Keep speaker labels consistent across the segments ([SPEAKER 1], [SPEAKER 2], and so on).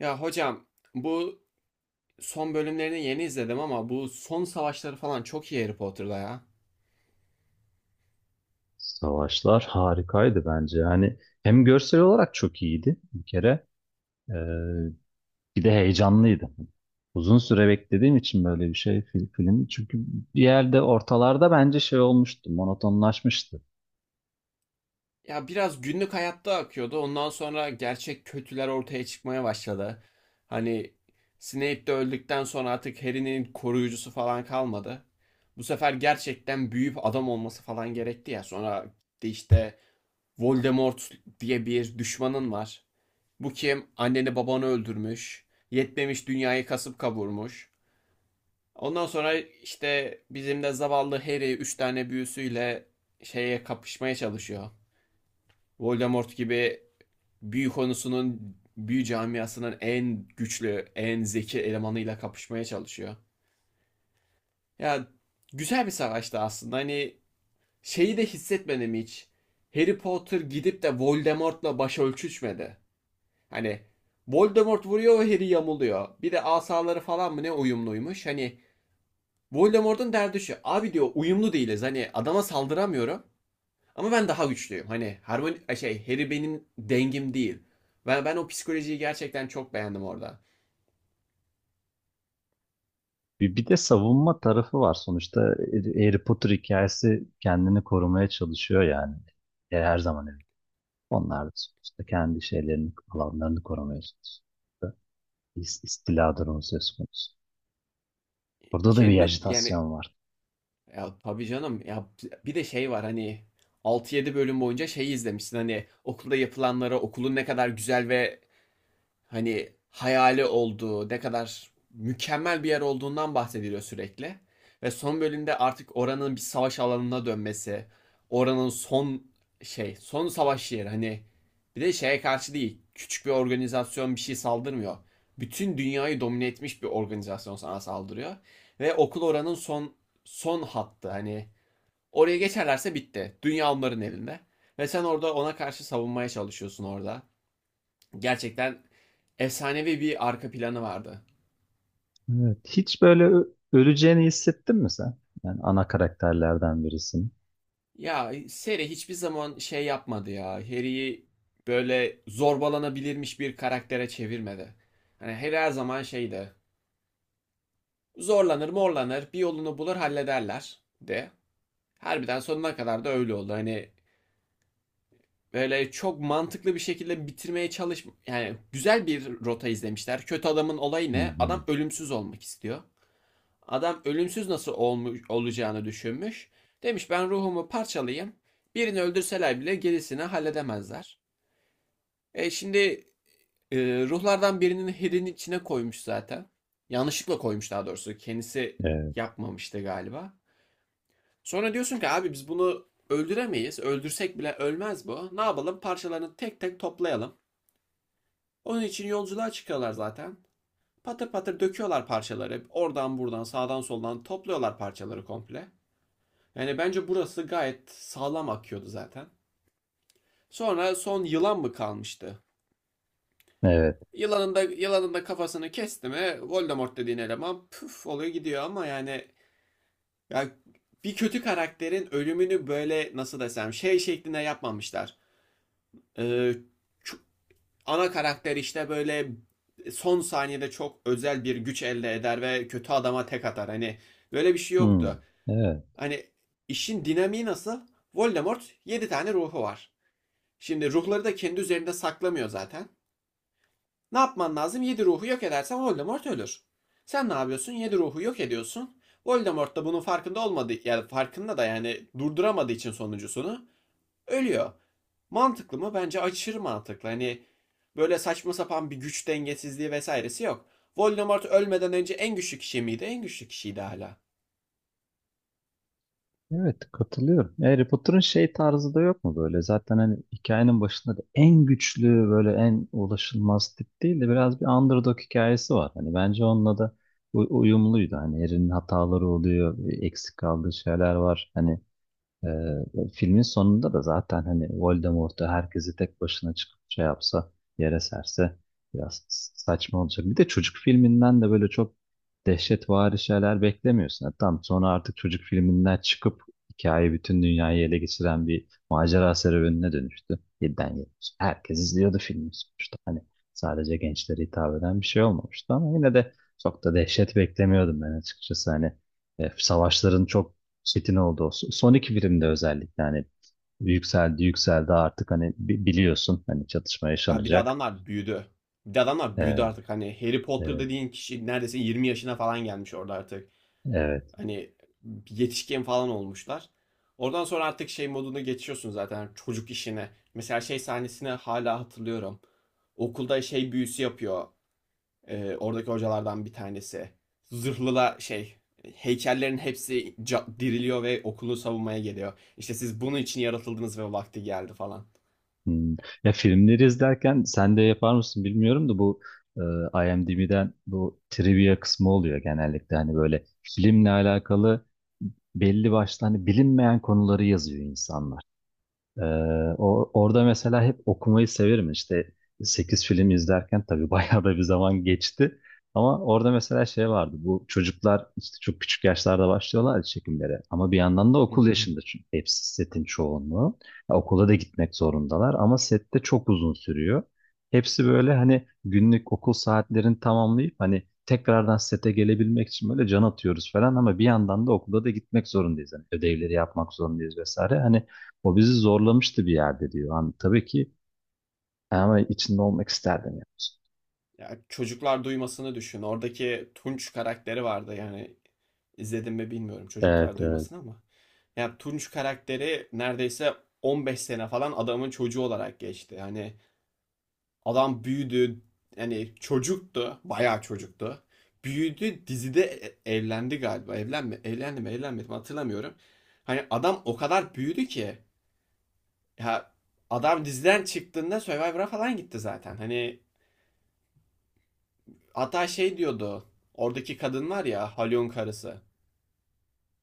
[SPEAKER 1] Ya hocam bu son bölümlerini yeni izledim ama bu son savaşları falan çok iyi Harry Potter'da ya.
[SPEAKER 2] Savaşlar harikaydı bence. Yani hem görsel olarak çok iyiydi bir kere. Ee, Bir de heyecanlıydı. Uzun süre beklediğim için böyle bir şey film. Çünkü bir yerde ortalarda bence şey olmuştu, monotonlaşmıştı.
[SPEAKER 1] Ya biraz günlük hayatta akıyordu. Ondan sonra gerçek kötüler ortaya çıkmaya başladı. Hani Snape de öldükten sonra artık Harry'nin koruyucusu falan kalmadı. Bu sefer gerçekten büyüyüp adam olması falan gerekti ya. Sonra de işte Voldemort diye bir düşmanın var. Bu kim? Anneni babanı öldürmüş. Yetmemiş dünyayı kasıp kavurmuş. Ondan sonra işte bizim de zavallı Harry 3 tane büyüsüyle şeye kapışmaya çalışıyor. Voldemort gibi büyü konusunun büyü camiasının en güçlü, en zeki elemanıyla kapışmaya çalışıyor. Ya güzel bir savaştı aslında. Hani şeyi de hissetmedim hiç. Harry Potter gidip de Voldemort'la baş ölçüşmedi. Hani Voldemort vuruyor ve Harry yamuluyor. Bir de asaları falan mı ne uyumluymuş. Hani Voldemort'un derdi şu. Abi diyor uyumlu değiliz. Hani adama saldıramıyorum. Ama ben daha güçlüyüm. Hani harmoni şey Harry benim dengim değil. Ben o psikolojiyi gerçekten çok beğendim orada.
[SPEAKER 2] Bir de savunma tarafı var. Sonuçta Harry Potter hikayesi kendini korumaya çalışıyor yani. E, her zaman öyle. Onlar da sonuçta kendi şeylerini, alanlarını korumaya çalışıyor. İstiladır onun söz konusu. Burada da bir
[SPEAKER 1] Kendini yani
[SPEAKER 2] ajitasyon var.
[SPEAKER 1] ya tabii canım ya bir de şey var hani altı yedi bölüm boyunca şey izlemişsin hani okulda yapılanlara okulun ne kadar güzel ve hani hayali olduğu, ne kadar mükemmel bir yer olduğundan bahsediliyor sürekli. Ve son bölümde artık oranın bir savaş alanına dönmesi, oranın son savaş yeri hani bir de şeye karşı değil, küçük bir organizasyon bir şey saldırmıyor. Bütün dünyayı domine etmiş bir organizasyon sana saldırıyor ve okul oranın son hattı hani oraya geçerlerse bitti. Dünya onların elinde. Ve sen orada ona karşı savunmaya çalışıyorsun orada. Gerçekten efsanevi bir arka planı vardı.
[SPEAKER 2] Evet. Hiç böyle öleceğini hissettin mi sen? Yani ana karakterlerden birisin.
[SPEAKER 1] Ya seri hiçbir zaman şey yapmadı ya. Harry'i böyle zorbalanabilirmiş bir karaktere çevirmedi. Hani Harry her zaman şeydi. Zorlanır morlanır bir yolunu bulur hallederler de. Harbiden sonuna kadar da öyle oldu. Hani böyle çok mantıklı bir şekilde bitirmeye çalış yani güzel bir rota izlemişler. Kötü adamın olayı
[SPEAKER 2] Hı
[SPEAKER 1] ne?
[SPEAKER 2] hı.
[SPEAKER 1] Adam ölümsüz olmak istiyor. Adam ölümsüz nasıl olmuş, olacağını düşünmüş. Demiş ben ruhumu parçalayayım. Birini öldürseler bile gerisini halledemezler. E şimdi e, ruhlardan birinin hedinin içine koymuş zaten. Yanlışlıkla koymuş daha doğrusu. Kendisi
[SPEAKER 2] Evet.
[SPEAKER 1] yapmamıştı galiba. Sonra diyorsun ki abi biz bunu öldüremeyiz. Öldürsek bile ölmez bu. Ne yapalım? Parçalarını tek tek toplayalım. Onun için yolculuğa çıkıyorlar zaten. Patır patır döküyorlar parçaları. Oradan buradan sağdan soldan topluyorlar parçaları komple. Yani bence burası gayet sağlam akıyordu zaten. Sonra son yılan mı kalmıştı?
[SPEAKER 2] Evet.
[SPEAKER 1] Yılanın da kafasını kesti mi Voldemort dediğin eleman püf oluyor gidiyor ama yani ya bir kötü karakterin ölümünü böyle nasıl desem şey şeklinde yapmamışlar. Ee, ana karakter işte böyle son saniyede çok özel bir güç elde eder ve kötü adama tek atar. Hani böyle bir şey
[SPEAKER 2] Hı.
[SPEAKER 1] yoktu.
[SPEAKER 2] Evet.
[SPEAKER 1] Hani işin dinamiği nasıl? Voldemort 7 tane ruhu var. Şimdi ruhları da kendi üzerinde saklamıyor zaten. Ne yapman lazım? 7 ruhu yok edersen Voldemort ölür. Sen ne yapıyorsun? 7 ruhu yok ediyorsun. Voldemort da bunun farkında olmadığı, yani farkında da yani durduramadığı için sonuncusunu ölüyor. Mantıklı mı? Bence aşırı mantıklı. Hani böyle saçma sapan bir güç dengesizliği vesairesi yok. Voldemort ölmeden önce en güçlü kişi miydi? En güçlü kişiydi hala.
[SPEAKER 2] Evet, katılıyorum. Harry Potter'ın şey tarzı da yok mu böyle? Zaten hani hikayenin başında da en güçlü böyle en ulaşılmaz tip değil de biraz bir underdog hikayesi var. Hani bence onunla da uyumluydu. Hani Harry'nin hataları oluyor, eksik kaldığı şeyler var. Hani filmin sonunda da zaten hani Voldemort'u herkesi tek başına çıkıp şey yapsa, yere serse biraz saçma olacak. Bir de çocuk filminden de böyle çok dehşetvari şeyler beklemiyorsun. Yani tam sonra artık çocuk filminden çıkıp hikaye bütün dünyayı ele geçiren bir macera serüvenine dönüştü. 7'den 70. Herkes izliyordu filmi sonuçta. Hani sadece gençlere hitap eden bir şey olmamıştı ama yine de çok da dehşet beklemiyordum ben açıkçası. Hani savaşların çok çetin oldu. Son iki birimde özellikle hani yükseldi yükseldi artık hani biliyorsun hani çatışma
[SPEAKER 1] Ya bir de
[SPEAKER 2] yaşanacak.
[SPEAKER 1] adamlar büyüdü. Bir de adamlar büyüdü
[SPEAKER 2] Evet,
[SPEAKER 1] artık. Hani Harry Potter
[SPEAKER 2] evet,
[SPEAKER 1] dediğin kişi neredeyse 20 yaşına falan gelmiş orada artık.
[SPEAKER 2] evet.
[SPEAKER 1] Hani yetişkin falan olmuşlar. Oradan sonra artık şey moduna geçiyorsun zaten çocuk işine. Mesela şey sahnesini hala hatırlıyorum. Okulda şey büyüsü yapıyor. Oradaki hocalardan bir tanesi. Zırhlıla şey heykellerin hepsi diriliyor ve okulu savunmaya geliyor. İşte siz bunun için yaratıldınız ve vakti geldi falan.
[SPEAKER 2] Hmm. Ya filmleri izlerken sen de yapar mısın bilmiyorum da bu IMDb'den bu trivia kısmı oluyor genellikle hani böyle filmle alakalı belli başlı hani bilinmeyen konuları yazıyor insanlar. Ee, orada mesela hep okumayı severim. İşte 8 film izlerken tabii bayağı da bir zaman geçti. Ama orada mesela şey vardı. Bu çocuklar işte çok küçük yaşlarda başlıyorlar ya çekimlere. Ama bir yandan da okul yaşında çünkü hepsi setin çoğunluğu. Ya okula da gitmek zorundalar ama sette çok uzun sürüyor. Hepsi böyle hani günlük okul saatlerini tamamlayıp hani tekrardan sete gelebilmek için böyle can atıyoruz falan ama bir yandan da okula da gitmek zorundayız. Hani ödevleri yapmak zorundayız vesaire. Hani o bizi zorlamıştı bir yerde diyor. Hani tabii ki ama içinde olmak isterdim. Yani.
[SPEAKER 1] Ya çocuklar duymasını düşün. Oradaki Tunç karakteri vardı yani izledim mi bilmiyorum çocuklar
[SPEAKER 2] Evet, evet.
[SPEAKER 1] duymasını ama. Ya Tunç karakteri neredeyse 15 sene falan adamın çocuğu olarak geçti. Hani adam büyüdü yani çocuktu bayağı çocuktu. Büyüdü dizide evlendi galiba. Evlendi mi evlenmedi mi hatırlamıyorum. Hani adam o kadar büyüdü ki ya adam diziden çıktığında Survivor'a falan gitti zaten. Hani hatta şey diyordu. Oradaki kadın var ya Halyon karısı.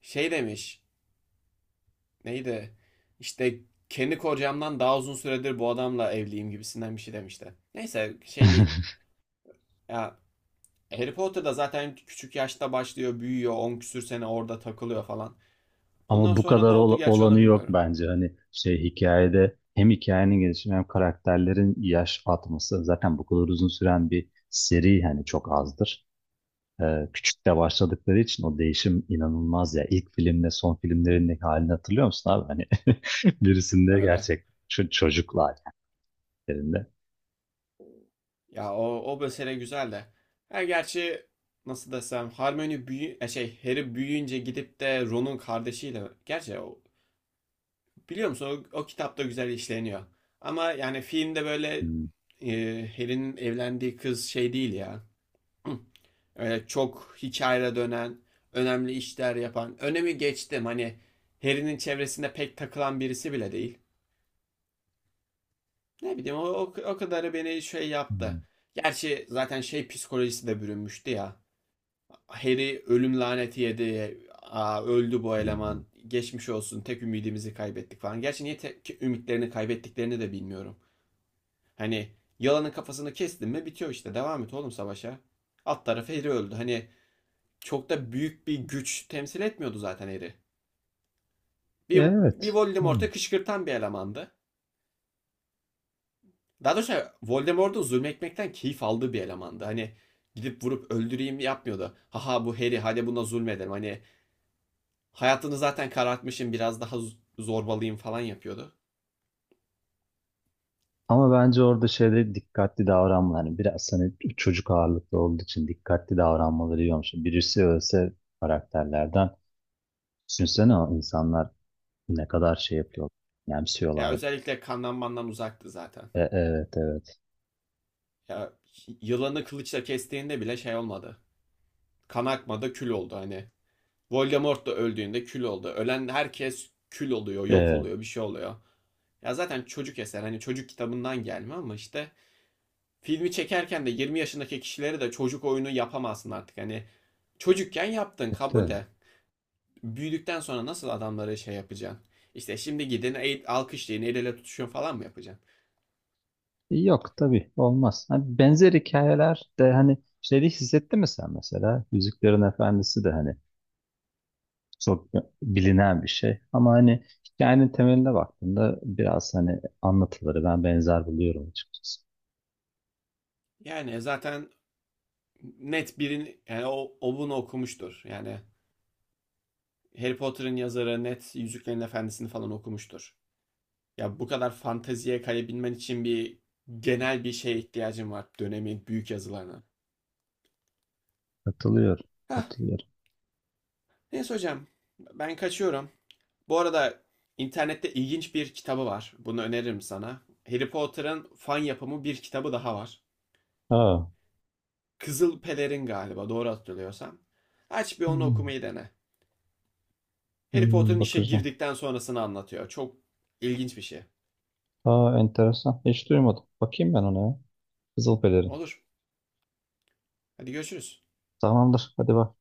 [SPEAKER 1] Şey demiş. Neydi? İşte kendi kocamdan daha uzun süredir bu adamla evliyim gibisinden bir şey demişti. Neyse şey değil. Ya Harry Potter'da zaten küçük yaşta başlıyor, büyüyor, 10 küsür sene orada takılıyor falan. Ondan
[SPEAKER 2] Ama bu
[SPEAKER 1] sonra ne
[SPEAKER 2] kadar
[SPEAKER 1] oldu gerçi onu
[SPEAKER 2] olanı yok
[SPEAKER 1] bilmiyorum.
[SPEAKER 2] bence. Hani şey hikayede hem hikayenin gelişimi hem karakterlerin yaş atması zaten bu kadar uzun süren bir seri hani çok azdır. Küçük de başladıkları için o değişim inanılmaz ya. İlk filmle son filmlerindeki halini hatırlıyor musun abi? Hani birisinde
[SPEAKER 1] Öyle.
[SPEAKER 2] gerçek çocuklar yani. Birinde.
[SPEAKER 1] Ya o mesele güzel de. Ha gerçi nasıl desem Hermione büyü şey Harry büyüyünce gidip de Ron'un kardeşiyle gerçi biliyor musun o kitapta güzel işleniyor. Ama yani filmde böyle
[SPEAKER 2] Hmm,
[SPEAKER 1] e, Harry'nin evlendiği kız şey değil ya. Öyle çok hikayeye dönen, önemli işler yapan. Önemi geçtim hani Harry'nin çevresinde pek takılan birisi bile değil. Ne bileyim o kadarı beni şey yaptı.
[SPEAKER 2] hmm,
[SPEAKER 1] Gerçi zaten şey psikolojisi de bürünmüştü ya. Harry ölüm laneti yedi. Aa, öldü bu
[SPEAKER 2] hmm.
[SPEAKER 1] eleman. Geçmiş olsun. Tek ümidimizi kaybettik falan. Gerçi niye tek ümitlerini kaybettiklerini de bilmiyorum. Hani yalanın kafasını kestin mi bitiyor işte. Devam et oğlum savaşa. Alt tarafı Harry öldü. Hani çok da büyük bir güç temsil etmiyordu zaten Harry. Bir
[SPEAKER 2] Evet.
[SPEAKER 1] Voldemort'u kışkırtan bir elemandı. Daha doğrusu Voldemort'un zulmetmekten keyif aldığı bir elemandı. Hani gidip vurup öldüreyim yapmıyordu. Haha bu Harry hadi buna zulmedelim. Hani hayatını zaten karartmışım biraz daha zorbalıyım falan yapıyordu.
[SPEAKER 2] Ama bence orada şeyde dikkatli davranma. Hani biraz hani çocuk ağırlıklı olduğu için dikkatli davranmaları iyi olmuş. Birisi ölse karakterlerden düşünsene o insanlar ne kadar şey yapıyor.
[SPEAKER 1] Ya
[SPEAKER 2] Yemsiyorlar.
[SPEAKER 1] özellikle kandan mandan uzaktı zaten.
[SPEAKER 2] E, evet evet.
[SPEAKER 1] Ya yılanı kılıçla kestiğinde bile şey olmadı. Kan akmadı, kül oldu hani. Voldemort da öldüğünde kül oldu. Ölen herkes kül oluyor,
[SPEAKER 2] E,
[SPEAKER 1] yok
[SPEAKER 2] evet,
[SPEAKER 1] oluyor, bir şey oluyor. Ya zaten çocuk eser hani çocuk kitabından gelme ama işte filmi çekerken de 20 yaşındaki kişilere de çocuk oyunu yapamazsın artık. Hani çocukken yaptın
[SPEAKER 2] evet.
[SPEAKER 1] kabul
[SPEAKER 2] Öyle.
[SPEAKER 1] de büyüdükten sonra nasıl adamları şey yapacaksın? İşte şimdi gidin alkışlayın el ele tutuşun falan mı yapacaksın?
[SPEAKER 2] Yok tabii olmaz. Hani benzer hikayeler de hani şeyde hissettin mi sen mesela? Yüzüklerin Efendisi de hani çok bilinen bir şey. Ama hani hikayenin temeline baktığında biraz hani anlatıları ben benzer buluyorum açıkçası.
[SPEAKER 1] Yani zaten net birin yani o bunu okumuştur. Yani Harry Potter'ın yazarı net Yüzüklerin Efendisi'ni falan okumuştur. Ya bu kadar fanteziye kayabilmen için bir genel bir şeye ihtiyacın var. Dönemin büyük yazılarına.
[SPEAKER 2] Katılıyor.
[SPEAKER 1] Hah,
[SPEAKER 2] Katılıyor.
[SPEAKER 1] neyse hocam. Ben kaçıyorum. Bu arada internette ilginç bir kitabı var. Bunu öneririm sana. Harry Potter'ın fan yapımı bir kitabı daha var.
[SPEAKER 2] Aa.
[SPEAKER 1] Kızıl Pelerin galiba doğru hatırlıyorsam. Aç bir onu
[SPEAKER 2] Hmm,
[SPEAKER 1] okumayı dene. Harry
[SPEAKER 2] hmm,
[SPEAKER 1] Potter'ın işe
[SPEAKER 2] bakacağım.
[SPEAKER 1] girdikten sonrasını anlatıyor. Çok ilginç bir şey.
[SPEAKER 2] Aa, enteresan. Hiç duymadım. Bakayım ben ona ya. Kızılpelerin.
[SPEAKER 1] Olur. Hadi görüşürüz.
[SPEAKER 2] Tamamdır. Hadi bak.